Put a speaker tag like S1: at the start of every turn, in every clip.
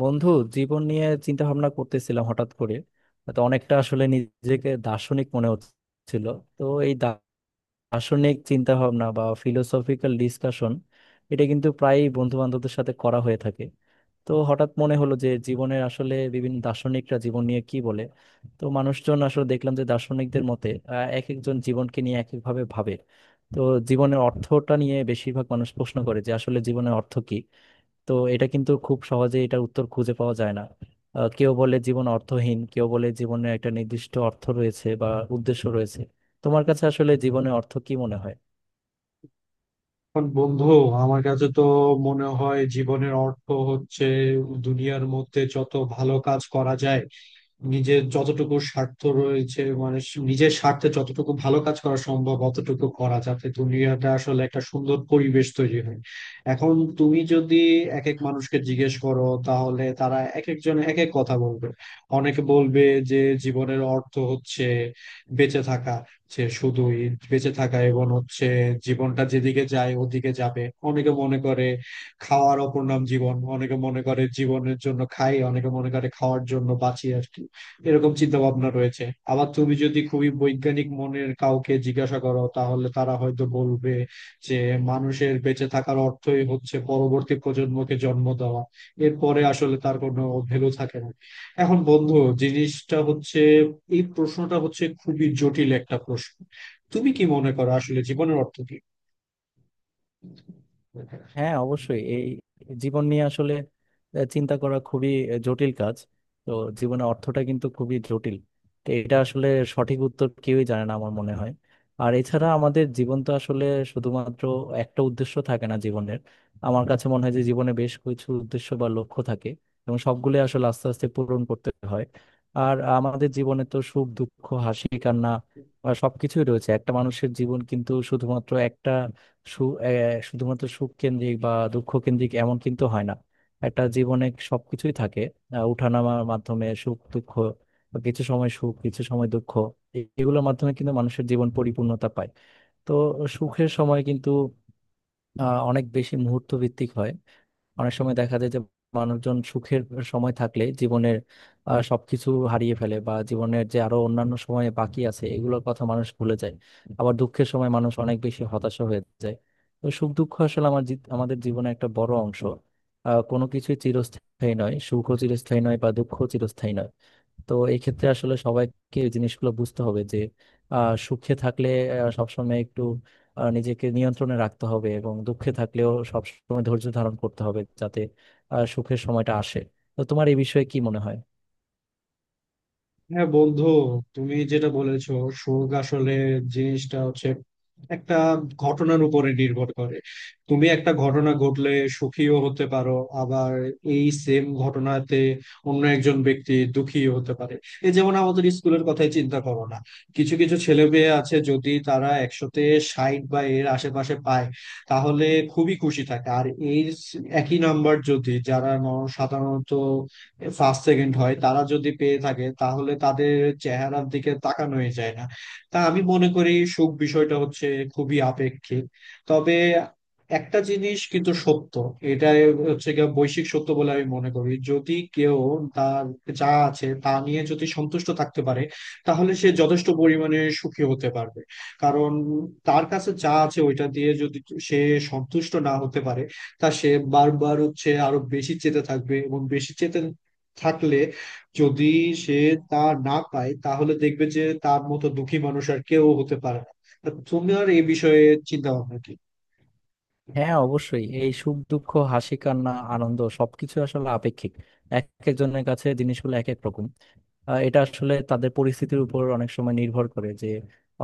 S1: বন্ধু, জীবন নিয়ে চিন্তা ভাবনা করতেছিলাম হঠাৎ করে। তো অনেকটা আসলে নিজেকে দার্শনিক মনে হচ্ছিল। তো এই দার্শনিক চিন্তা ভাবনা বা ফিলোসফিক্যাল ডিসকাশন, এটা কিন্তু প্রায়ই বন্ধু বান্ধবদের সাথে করা হয়ে থাকে। তো হঠাৎ মনে হলো যে জীবনের আসলে বিভিন্ন দার্শনিকরা জীবন নিয়ে কি বলে। তো মানুষজন আসলে দেখলাম যে দার্শনিকদের মতে এক একজন জীবনকে নিয়ে এক একভাবে ভাবে। তো জীবনের অর্থটা নিয়ে বেশিরভাগ মানুষ প্রশ্ন করে যে আসলে জীবনের অর্থ কি। তো এটা কিন্তু খুব সহজে এটার উত্তর খুঁজে পাওয়া যায় না। কেউ বলে জীবন অর্থহীন, কেউ বলে জীবনে একটা নির্দিষ্ট অর্থ রয়েছে বা উদ্দেশ্য রয়েছে। তোমার কাছে আসলে জীবনে অর্থ কি মনে হয়?
S2: এখন বন্ধু, আমার কাছে তো মনে হয় জীবনের অর্থ হচ্ছে দুনিয়ার মধ্যে যত ভালো কাজ করা যায়, নিজের যতটুকু স্বার্থ রয়েছে, মানে নিজের স্বার্থে যতটুকু ভালো কাজ করা সম্ভব অতটুকু করা, যাতে দুনিয়াটা আসলে একটা সুন্দর পরিবেশ তৈরি হয়। এখন তুমি যদি এক এক মানুষকে জিজ্ঞেস করো, তাহলে তারা এক একজন এক এক কথা বলবে। অনেকে বলবে যে জীবনের অর্থ হচ্ছে বেঁচে থাকা, যে শুধুই বেঁচে থাকা এবং হচ্ছে জীবনটা যেদিকে যায় ওদিকে যাবে। অনেকে মনে করে খাওয়ার অপর নাম জীবন, অনেকে মনে করে জীবনের জন্য খাই, অনেকে মনে করে খাওয়ার জন্য বাঁচি আর কি। এরকম চিন্তা ভাবনা রয়েছে। আবার তুমি যদি খুবই বৈজ্ঞানিক মনের কাউকে জিজ্ঞাসা করো, তাহলে তারা হয়তো বলবে যে মানুষের বেঁচে থাকার অর্থই হচ্ছে পরবর্তী প্রজন্মকে জন্ম দেওয়া, এরপরে আসলে তার কোনো ভ্যালু থাকে না। এখন বন্ধু, জিনিসটা হচ্ছে এই প্রশ্নটা হচ্ছে খুবই জটিল একটা প্রশ্ন। তুমি কি মনে করো আসলে জীবনের অর্থ কি?
S1: হ্যাঁ, অবশ্যই এই জীবন নিয়ে আসলে চিন্তা করা খুবই জটিল কাজ। তো জীবনে অর্থটা কিন্তু খুবই জটিল। তো এটা আসলে সঠিক উত্তর কেউই জানে না আমার মনে হয়। আর এছাড়া আমাদের জীবন তো আসলে শুধুমাত্র একটা উদ্দেশ্য থাকে না জীবনের। আমার কাছে মনে হয় যে জীবনে বেশ কিছু উদ্দেশ্য বা লক্ষ্য থাকে এবং সবগুলো আসলে আস্তে আস্তে পূরণ করতে হয়। আর আমাদের জীবনে তো সুখ দুঃখ হাসি কান্না সবকিছুই রয়েছে। একটা মানুষের জীবন কিন্তু শুধুমাত্র একটা সু শুধুমাত্র সুখ কেন্দ্রিক বা দুঃখ কেন্দ্রিক এমন কিন্তু হয় না। একটা জীবনে সবকিছুই থাকে। উঠানামার মাধ্যমে সুখ দুঃখ বা কিছু সময় সুখ কিছু সময় দুঃখ, এগুলোর মাধ্যমে কিন্তু মানুষের জীবন পরিপূর্ণতা পায়। তো সুখের সময় কিন্তু অনেক বেশি মুহূর্ত ভিত্তিক হয়। অনেক সময় দেখা যায় যে মানুষজন সুখের সময় থাকলে জীবনের সবকিছু হারিয়ে ফেলে বা জীবনের যে আরো অন্যান্য সময় বাকি আছে এগুলোর কথা মানুষ ভুলে যায়। আবার দুঃখের সময় মানুষ অনেক বেশি হতাশা হয়ে যায়। তো সুখ দুঃখ আসলে আমাদের জীবনে একটা বড় অংশ। কোনো কিছুই চিরস্থায়ী নয়, সুখও চিরস্থায়ী নয় বা দুঃখও চিরস্থায়ী নয়। তো এই ক্ষেত্রে আসলে সবাইকে এই জিনিসগুলো বুঝতে হবে যে সুখে থাকলে সবসময় একটু নিজেকে নিয়ন্ত্রণে রাখতে হবে এবং দুঃখে থাকলেও সবসময় ধৈর্য ধারণ করতে হবে যাতে সুখের সময়টা আসে। তো তোমার এই বিষয়ে কি মনে হয়?
S2: হ্যাঁ বন্ধু, তুমি যেটা বলেছো, সুখ আসলে জিনিসটা হচ্ছে একটা ঘটনার উপরে নির্ভর করে। তুমি একটা ঘটনা ঘটলে সুখীও হতে পারো, আবার এই সেম ঘটনাতে অন্য একজন ব্যক্তি দুঃখীও হতে পারে। এই যেমন আমাদের স্কুলের কথাই চিন্তা করো না, কিছু কিছু ছেলে মেয়ে আছে যদি তারা 100তে 60 বা এর আশেপাশে পায় তাহলে খুবই খুশি থাকে। আর এই একই নাম্বার যদি যারা সাধারণত ফার্স্ট সেকেন্ড হয় তারা যদি পেয়ে থাকে, তাহলে তাদের চেহারার দিকে তাকানোই যায় না। তা আমি মনে করি সুখ বিষয়টা হচ্ছে খুবই আপেক্ষিক। তবে একটা জিনিস কিন্তু সত্য, এটা হচ্ছে গিয়ে বৈশ্বিক সত্য বলে আমি মনে করি, যদি কেউ তার যা আছে তা নিয়ে যদি সন্তুষ্ট থাকতে পারে, তাহলে সে যথেষ্ট পরিমাণে সুখী হতে পারবে। কারণ তার কাছে যা আছে ওইটা দিয়ে যদি সে সন্তুষ্ট না হতে পারে, তা সে বারবার হচ্ছে আরো বেশি চেতে থাকবে, এবং বেশি চেতে থাকলে যদি সে তা না পায়, তাহলে দেখবে যে তার মতো দুঃখী মানুষ আর কেউ হতে পারে না। তা তোমার এই বিষয়ে চিন্তা ভাবনা কি?
S1: হ্যাঁ, অবশ্যই এই সুখ দুঃখ হাসি কান্না আনন্দ সবকিছু আসলে আপেক্ষিক। এক একজনের কাছে জিনিসগুলো এক এক রকম। এটা আসলে তাদের পরিস্থিতির উপর অনেক সময় নির্ভর করে যে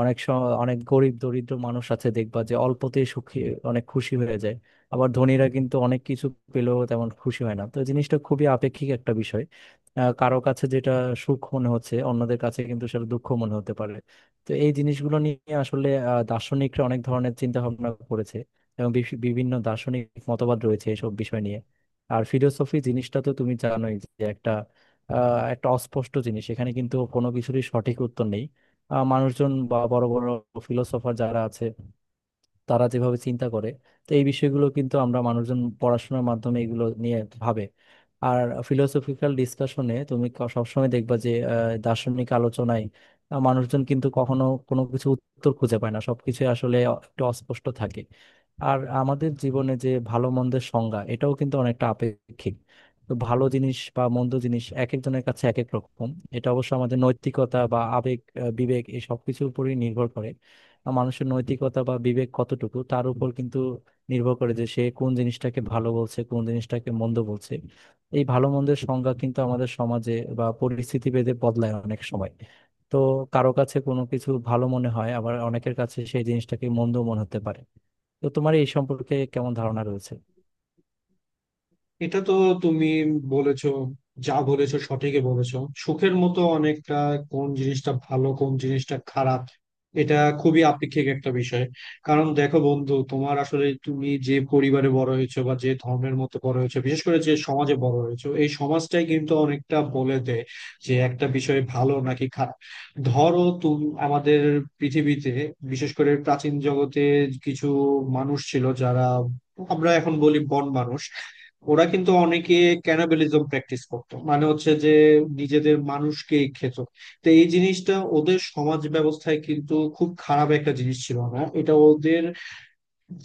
S1: অনেক সময় অনেক গরিব দরিদ্র মানুষ আছে দেখবা যে অল্পতেই সুখী, অনেক খুশি হয়ে যায়। আবার ধনীরা কিন্তু অনেক কিছু পেলেও তেমন খুশি হয় না। তো এই জিনিসটা খুবই আপেক্ষিক একটা বিষয়। কারো কাছে যেটা সুখ মনে হচ্ছে অন্যদের কাছে কিন্তু সেটা দুঃখ মনে হতে পারে। তো এই জিনিসগুলো নিয়ে আসলে দার্শনিকরা অনেক ধরনের চিন্তা ভাবনা করেছে এবং বিভিন্ন দার্শনিক মতবাদ রয়েছে এসব বিষয় নিয়ে। আর ফিলোসফি জিনিসটা তো তুমি জানোই যে একটা একটা অস্পষ্ট জিনিস। এখানে কিন্তু কোনো কিছুরই সঠিক উত্তর নেই। মানুষজন বা বড় বড় ফিলোসফার যারা আছে তারা যেভাবে চিন্তা করে, তো এই বিষয়গুলো কিন্তু আমরা মানুষজন পড়াশোনার মাধ্যমে এগুলো নিয়ে ভাবে। আর ফিলোসফিক্যাল ডিসকাশনে তুমি সবসময় দেখবা যে দার্শনিক আলোচনায় মানুষজন কিন্তু কখনো কোনো কিছু উত্তর খুঁজে পায় না, সবকিছু আসলে একটু অস্পষ্ট থাকে। আর আমাদের জীবনে যে ভালো মন্দের সংজ্ঞা এটাও কিন্তু অনেকটা আপেক্ষিক। তো ভালো জিনিস বা মন্দ জিনিস এক একজনের কাছে এক এক রকম। এটা অবশ্য আমাদের নৈতিকতা বা আবেগ বিবেক এই সবকিছুর উপরই নির্ভর করে। মানুষের নৈতিকতা বা বিবেক কতটুকু তার উপর কিন্তু নির্ভর করে যে সে কোন জিনিসটাকে ভালো বলছে কোন জিনিসটাকে মন্দ বলছে। এই ভালো মন্দের সংজ্ঞা কিন্তু আমাদের সমাজে বা পরিস্থিতি ভেদে বদলায় অনেক সময়। তো কারো কাছে কোনো কিছু ভালো মনে হয়, আবার অনেকের কাছে সেই জিনিসটাকে মন্দ মনে হতে পারে। তো তোমার এই সম্পর্কে কেমন ধারণা রয়েছে?
S2: এটা তো তুমি বলেছো, যা বলেছো সঠিকই বলেছো। সুখের মতো অনেকটা, কোন জিনিসটা ভালো কোন জিনিসটা খারাপ, এটা খুবই আপেক্ষিক একটা বিষয়। কারণ দেখো বন্ধু, তোমার আসলে তুমি যে পরিবারে বড় হয়েছো, বা যে ধর্মের মতো বড় হয়েছো, বিশেষ করে যে সমাজে বড় হয়েছো, এই সমাজটাই কিন্তু অনেকটা বলে দেয় যে একটা বিষয় ভালো নাকি খারাপ। ধরো তুমি আমাদের পৃথিবীতে, বিশেষ করে প্রাচীন জগতে, কিছু মানুষ ছিল যারা, আমরা এখন বলি বন মানুষ, ওরা কিন্তু অনেকে ক্যানাবেলিজম প্র্যাকটিস করতো, মানে হচ্ছে যে নিজেদের মানুষকে খেত। তো এই জিনিসটা ওদের সমাজ ব্যবস্থায় কিন্তু খুব খারাপ একটা জিনিস ছিল না, এটা ওদের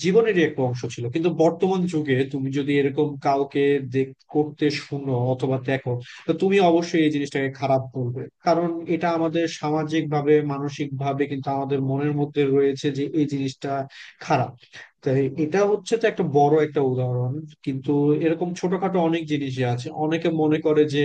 S2: জীবনেরই একটা অংশ ছিল। কিন্তু বর্তমান যুগে তুমি যদি এরকম কাউকে দেখ করতে শুনো অথবা দেখো, তো তুমি অবশ্যই এই জিনিসটাকে খারাপ বলবে, কারণ এটা আমাদের সামাজিক ভাবে মানসিক ভাবে কিন্তু আমাদের মনের মধ্যে রয়েছে যে এই জিনিসটা খারাপ। তাই এটা হচ্ছে তো একটা বড় একটা উদাহরণ। কিন্তু এরকম ছোটখাটো অনেক জিনিসই আছে, অনেকে মনে করে যে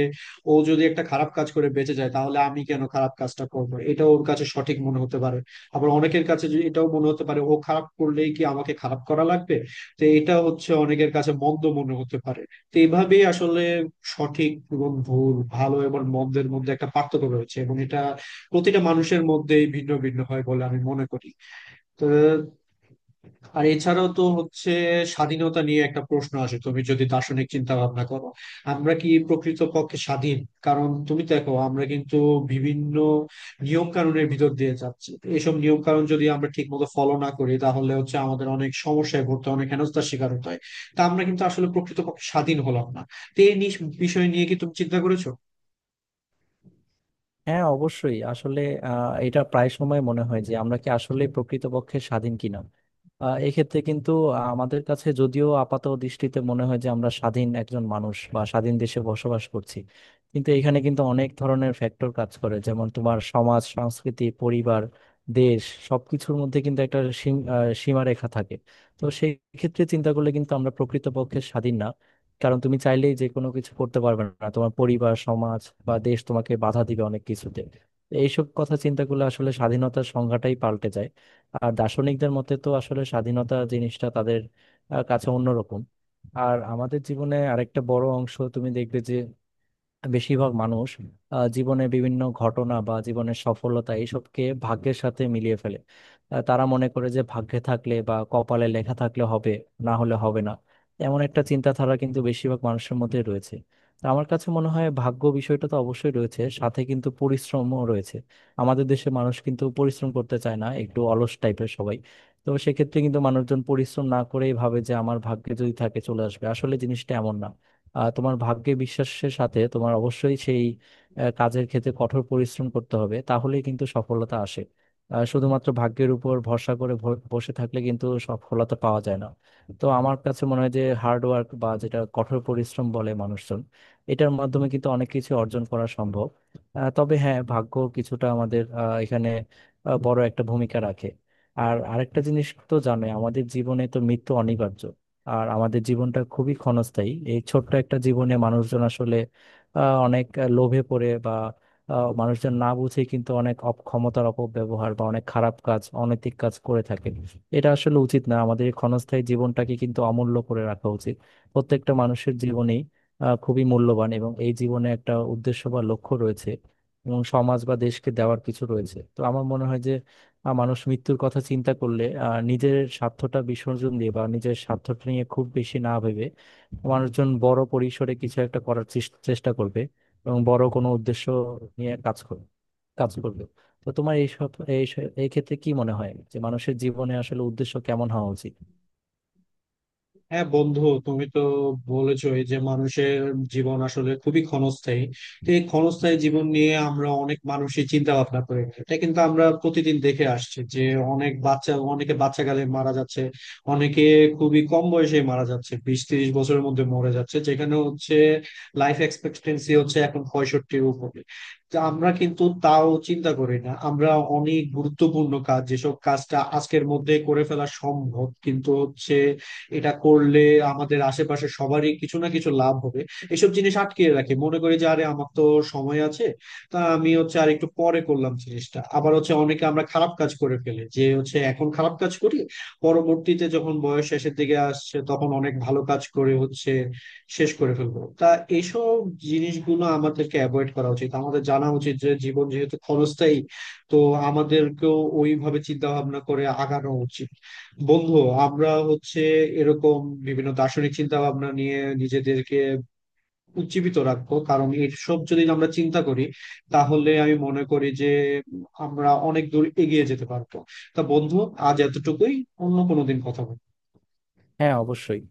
S2: ও যদি একটা খারাপ কাজ করে বেঁচে যায়, তাহলে আমি কেন খারাপ কাজটা করবো, এটা ওর কাছে সঠিক মনে হতে পারে। আবার অনেকের কাছে যে এটাও মনে হতে পারে, ও খারাপ করলেই কি আমাকে খারাপ করা লাগবে, তো এটা হচ্ছে অনেকের কাছে মন্দ মনে হতে পারে। তো এইভাবেই আসলে সঠিক এবং ভুল, ভালো এবং মন্দের মধ্যে একটা পার্থক্য রয়েছে, এবং এটা প্রতিটা মানুষের মধ্যেই ভিন্ন ভিন্ন হয় বলে আমি মনে করি। তো আর এছাড়াও তো হচ্ছে স্বাধীনতা নিয়ে একটা প্রশ্ন আসে, তুমি যদি দার্শনিক চিন্তা ভাবনা করো, আমরা কি প্রকৃত পক্ষে স্বাধীন? কারণ তুমি দেখো আমরা কিন্তু বিভিন্ন নিয়ম কানুনের ভিতর দিয়ে যাচ্ছি, এইসব নিয়ম কানুন যদি আমরা ঠিক মতো ফলো না করি, তাহলে হচ্ছে আমাদের অনেক সমস্যায় পড়তে হয়, অনেক হেনস্থার শিকার হতে হয়। তা আমরা কিন্তু আসলে প্রকৃত পক্ষে স্বাধীন হলাম না। তো এই বিষয় নিয়ে কি তুমি চিন্তা করেছো?
S1: হ্যাঁ, অবশ্যই আসলে এটা প্রায় সময় মনে হয় যে আমরা কি আসলে প্রকৃতপক্ষে স্বাধীন কিনা। এক্ষেত্রে কিন্তু আমাদের কাছে যদিও আপাত দৃষ্টিতে মনে হয় যে আমরা স্বাধীন একজন মানুষ বা স্বাধীন দেশে বসবাস করছি, কিন্তু এখানে কিন্তু অনেক ধরনের ফ্যাক্টর কাজ করে, যেমন তোমার সমাজ সংস্কৃতি পরিবার দেশ সবকিছুর মধ্যে কিন্তু একটা সীমারেখা থাকে। তো সেই ক্ষেত্রে চিন্তা করলে কিন্তু আমরা প্রকৃতপক্ষে স্বাধীন না। কারণ তুমি চাইলেই যে কোনো কিছু করতে পারবে না, তোমার পরিবার সমাজ বা দেশ তোমাকে বাধা দিবে অনেক কিছুতে। তো এইসব কথা চিন্তা করলে আসলে স্বাধীনতার সংজ্ঞাটাই পাল্টে যায়। আর দার্শনিকদের মতে তো আসলে স্বাধীনতা জিনিসটা তাদের কাছে অন্যরকম। আর আমাদের জীবনে আরেকটা বড় অংশ তুমি দেখবে যে বেশিরভাগ মানুষ জীবনে বিভিন্ন ঘটনা বা জীবনের সফলতা এইসবকে ভাগ্যের সাথে মিলিয়ে ফেলে। তারা মনে করে যে ভাগ্যে থাকলে বা কপালে লেখা থাকলে হবে, না হলে হবে না। এমন একটা চিন্তাধারা কিন্তু বেশিরভাগ মানুষের মধ্যে রয়েছে। তো আমার কাছে মনে হয় ভাগ্য বিষয়টা তো অবশ্যই রয়েছে, সাথে কিন্তু পরিশ্রমও রয়েছে। আমাদের দেশে মানুষ কিন্তু পরিশ্রম করতে চায় না, একটু অলস টাইপের সবাই। তো সেক্ষেত্রে কিন্তু মানুষজন পরিশ্রম না করেই ভাবে যে আমার ভাগ্যে যদি থাকে চলে আসবে, আসলে জিনিসটা এমন না। তোমার ভাগ্যে বিশ্বাসের সাথে তোমার অবশ্যই সেই কাজের ক্ষেত্রে কঠোর পরিশ্রম করতে হবে, তাহলেই কিন্তু সফলতা আসে। শুধুমাত্র ভাগ্যের উপর ভরসা করে বসে থাকলে কিন্তু সফলতা পাওয়া যায় না। তো আমার কাছে মনে হয় যে হার্ড ওয়ার্ক বা যেটা কঠোর পরিশ্রম বলে মানুষজন, এটার মাধ্যমে কিন্তু অনেক কিছু অর্জন করা সম্ভব। তবে হ্যাঁ, ভাগ্য কিছুটা আমাদের এখানে বড় একটা ভূমিকা রাখে। আর আরেকটা জিনিস তো জানো আমাদের জীবনে তো মৃত্যু অনিবার্য। আর আমাদের জীবনটা খুবই ক্ষণস্থায়ী। এই ছোট্ট একটা জীবনে মানুষজন আসলে অনেক লোভে পড়ে বা মানুষজন না বুঝে কিন্তু অনেক অপ ক্ষমতার অপব্যবহার বা অনেক খারাপ কাজ অনৈতিক কাজ করে থাকে। এটা আসলে উচিত না, আমাদের এই ক্ষণস্থায়ী জীবনটাকে কিন্তু অমূল্য করে রাখা উচিত। প্রত্যেকটা মানুষের জীবনেই খুবই মূল্যবান এবং এই জীবনে একটা উদ্দেশ্য বা লক্ষ্য রয়েছে এবং সমাজ বা দেশকে দেওয়ার কিছু রয়েছে। তো আমার মনে হয় যে মানুষ মৃত্যুর কথা চিন্তা করলে নিজের স্বার্থটা বিসর্জন দিয়ে বা নিজের স্বার্থটা নিয়ে খুব বেশি না ভেবে মানুষজন বড় পরিসরে কিছু একটা করার চেষ্টা করবে এবং বড় কোনো উদ্দেশ্য নিয়ে কাজ করবে কাজ করবে। তো তোমার এইসব এই এই ক্ষেত্রে কি মনে হয় যে মানুষের জীবনে আসলে উদ্দেশ্য কেমন হওয়া উচিত?
S2: হ্যাঁ বন্ধু, তুমি তো বলেছই যে মানুষের জীবন আসলে খুবই ক্ষণস্থায়ী। তো এই ক্ষণস্থায়ী জীবন নিয়ে আমরা অনেক মানুষই চিন্তা ভাবনা করে, এটা কিন্তু আমরা প্রতিদিন দেখে আসছি যে অনেক বাচ্চা, অনেকে বাচ্চা কালে মারা যাচ্ছে, অনেকে খুবই কম বয়সে মারা যাচ্ছে, 20-30 বছরের মধ্যে মরে যাচ্ছে, যেখানে হচ্ছে লাইফ এক্সপেক্টেন্সি হচ্ছে এখন 65-এর উপরে। তো আমরা কিন্তু তাও চিন্তা করি না। আমরা অনেক গুরুত্বপূর্ণ কাজ, যেসব কাজটা আজকের মধ্যে করে ফেলা সম্ভব, কিন্তু হচ্ছে এটা করলে আমাদের আশেপাশে সবারই কিছু না কিছু লাভ হবে, এসব জিনিস আটকে রাখে, মনে করি যে আরে আমার তো সময় আছে, তা আমি হচ্ছে আর একটু পরে করলাম জিনিসটা। আবার হচ্ছে অনেকে আমরা খারাপ কাজ করে ফেলে যে হচ্ছে এখন খারাপ কাজ করি, পরবর্তীতে যখন বয়স শেষের দিকে আসছে তখন অনেক ভালো কাজ করে হচ্ছে শেষ করে ফেলবো। তা এইসব জিনিসগুলো আমাদেরকে অ্যাভয়েড করা উচিত। আমাদের জানা উচিত যে জীবন যেহেতু ক্ষণস্থায়ী, তো আমাদেরকেও ওইভাবে চিন্তা ভাবনা করে আগানো উচিত। বন্ধু, আমরা হচ্ছে এরকম বিভিন্ন দার্শনিক চিন্তা ভাবনা নিয়ে নিজেদেরকে উজ্জীবিত রাখবো, কারণ এইসব যদি আমরা চিন্তা করি, তাহলে আমি মনে করি যে আমরা অনেক দূর এগিয়ে যেতে পারবো। তা বন্ধু, আজ এতটুকুই, অন্য কোনো দিন কথা বলবো।
S1: হ্যাঁ, অবশ্যই।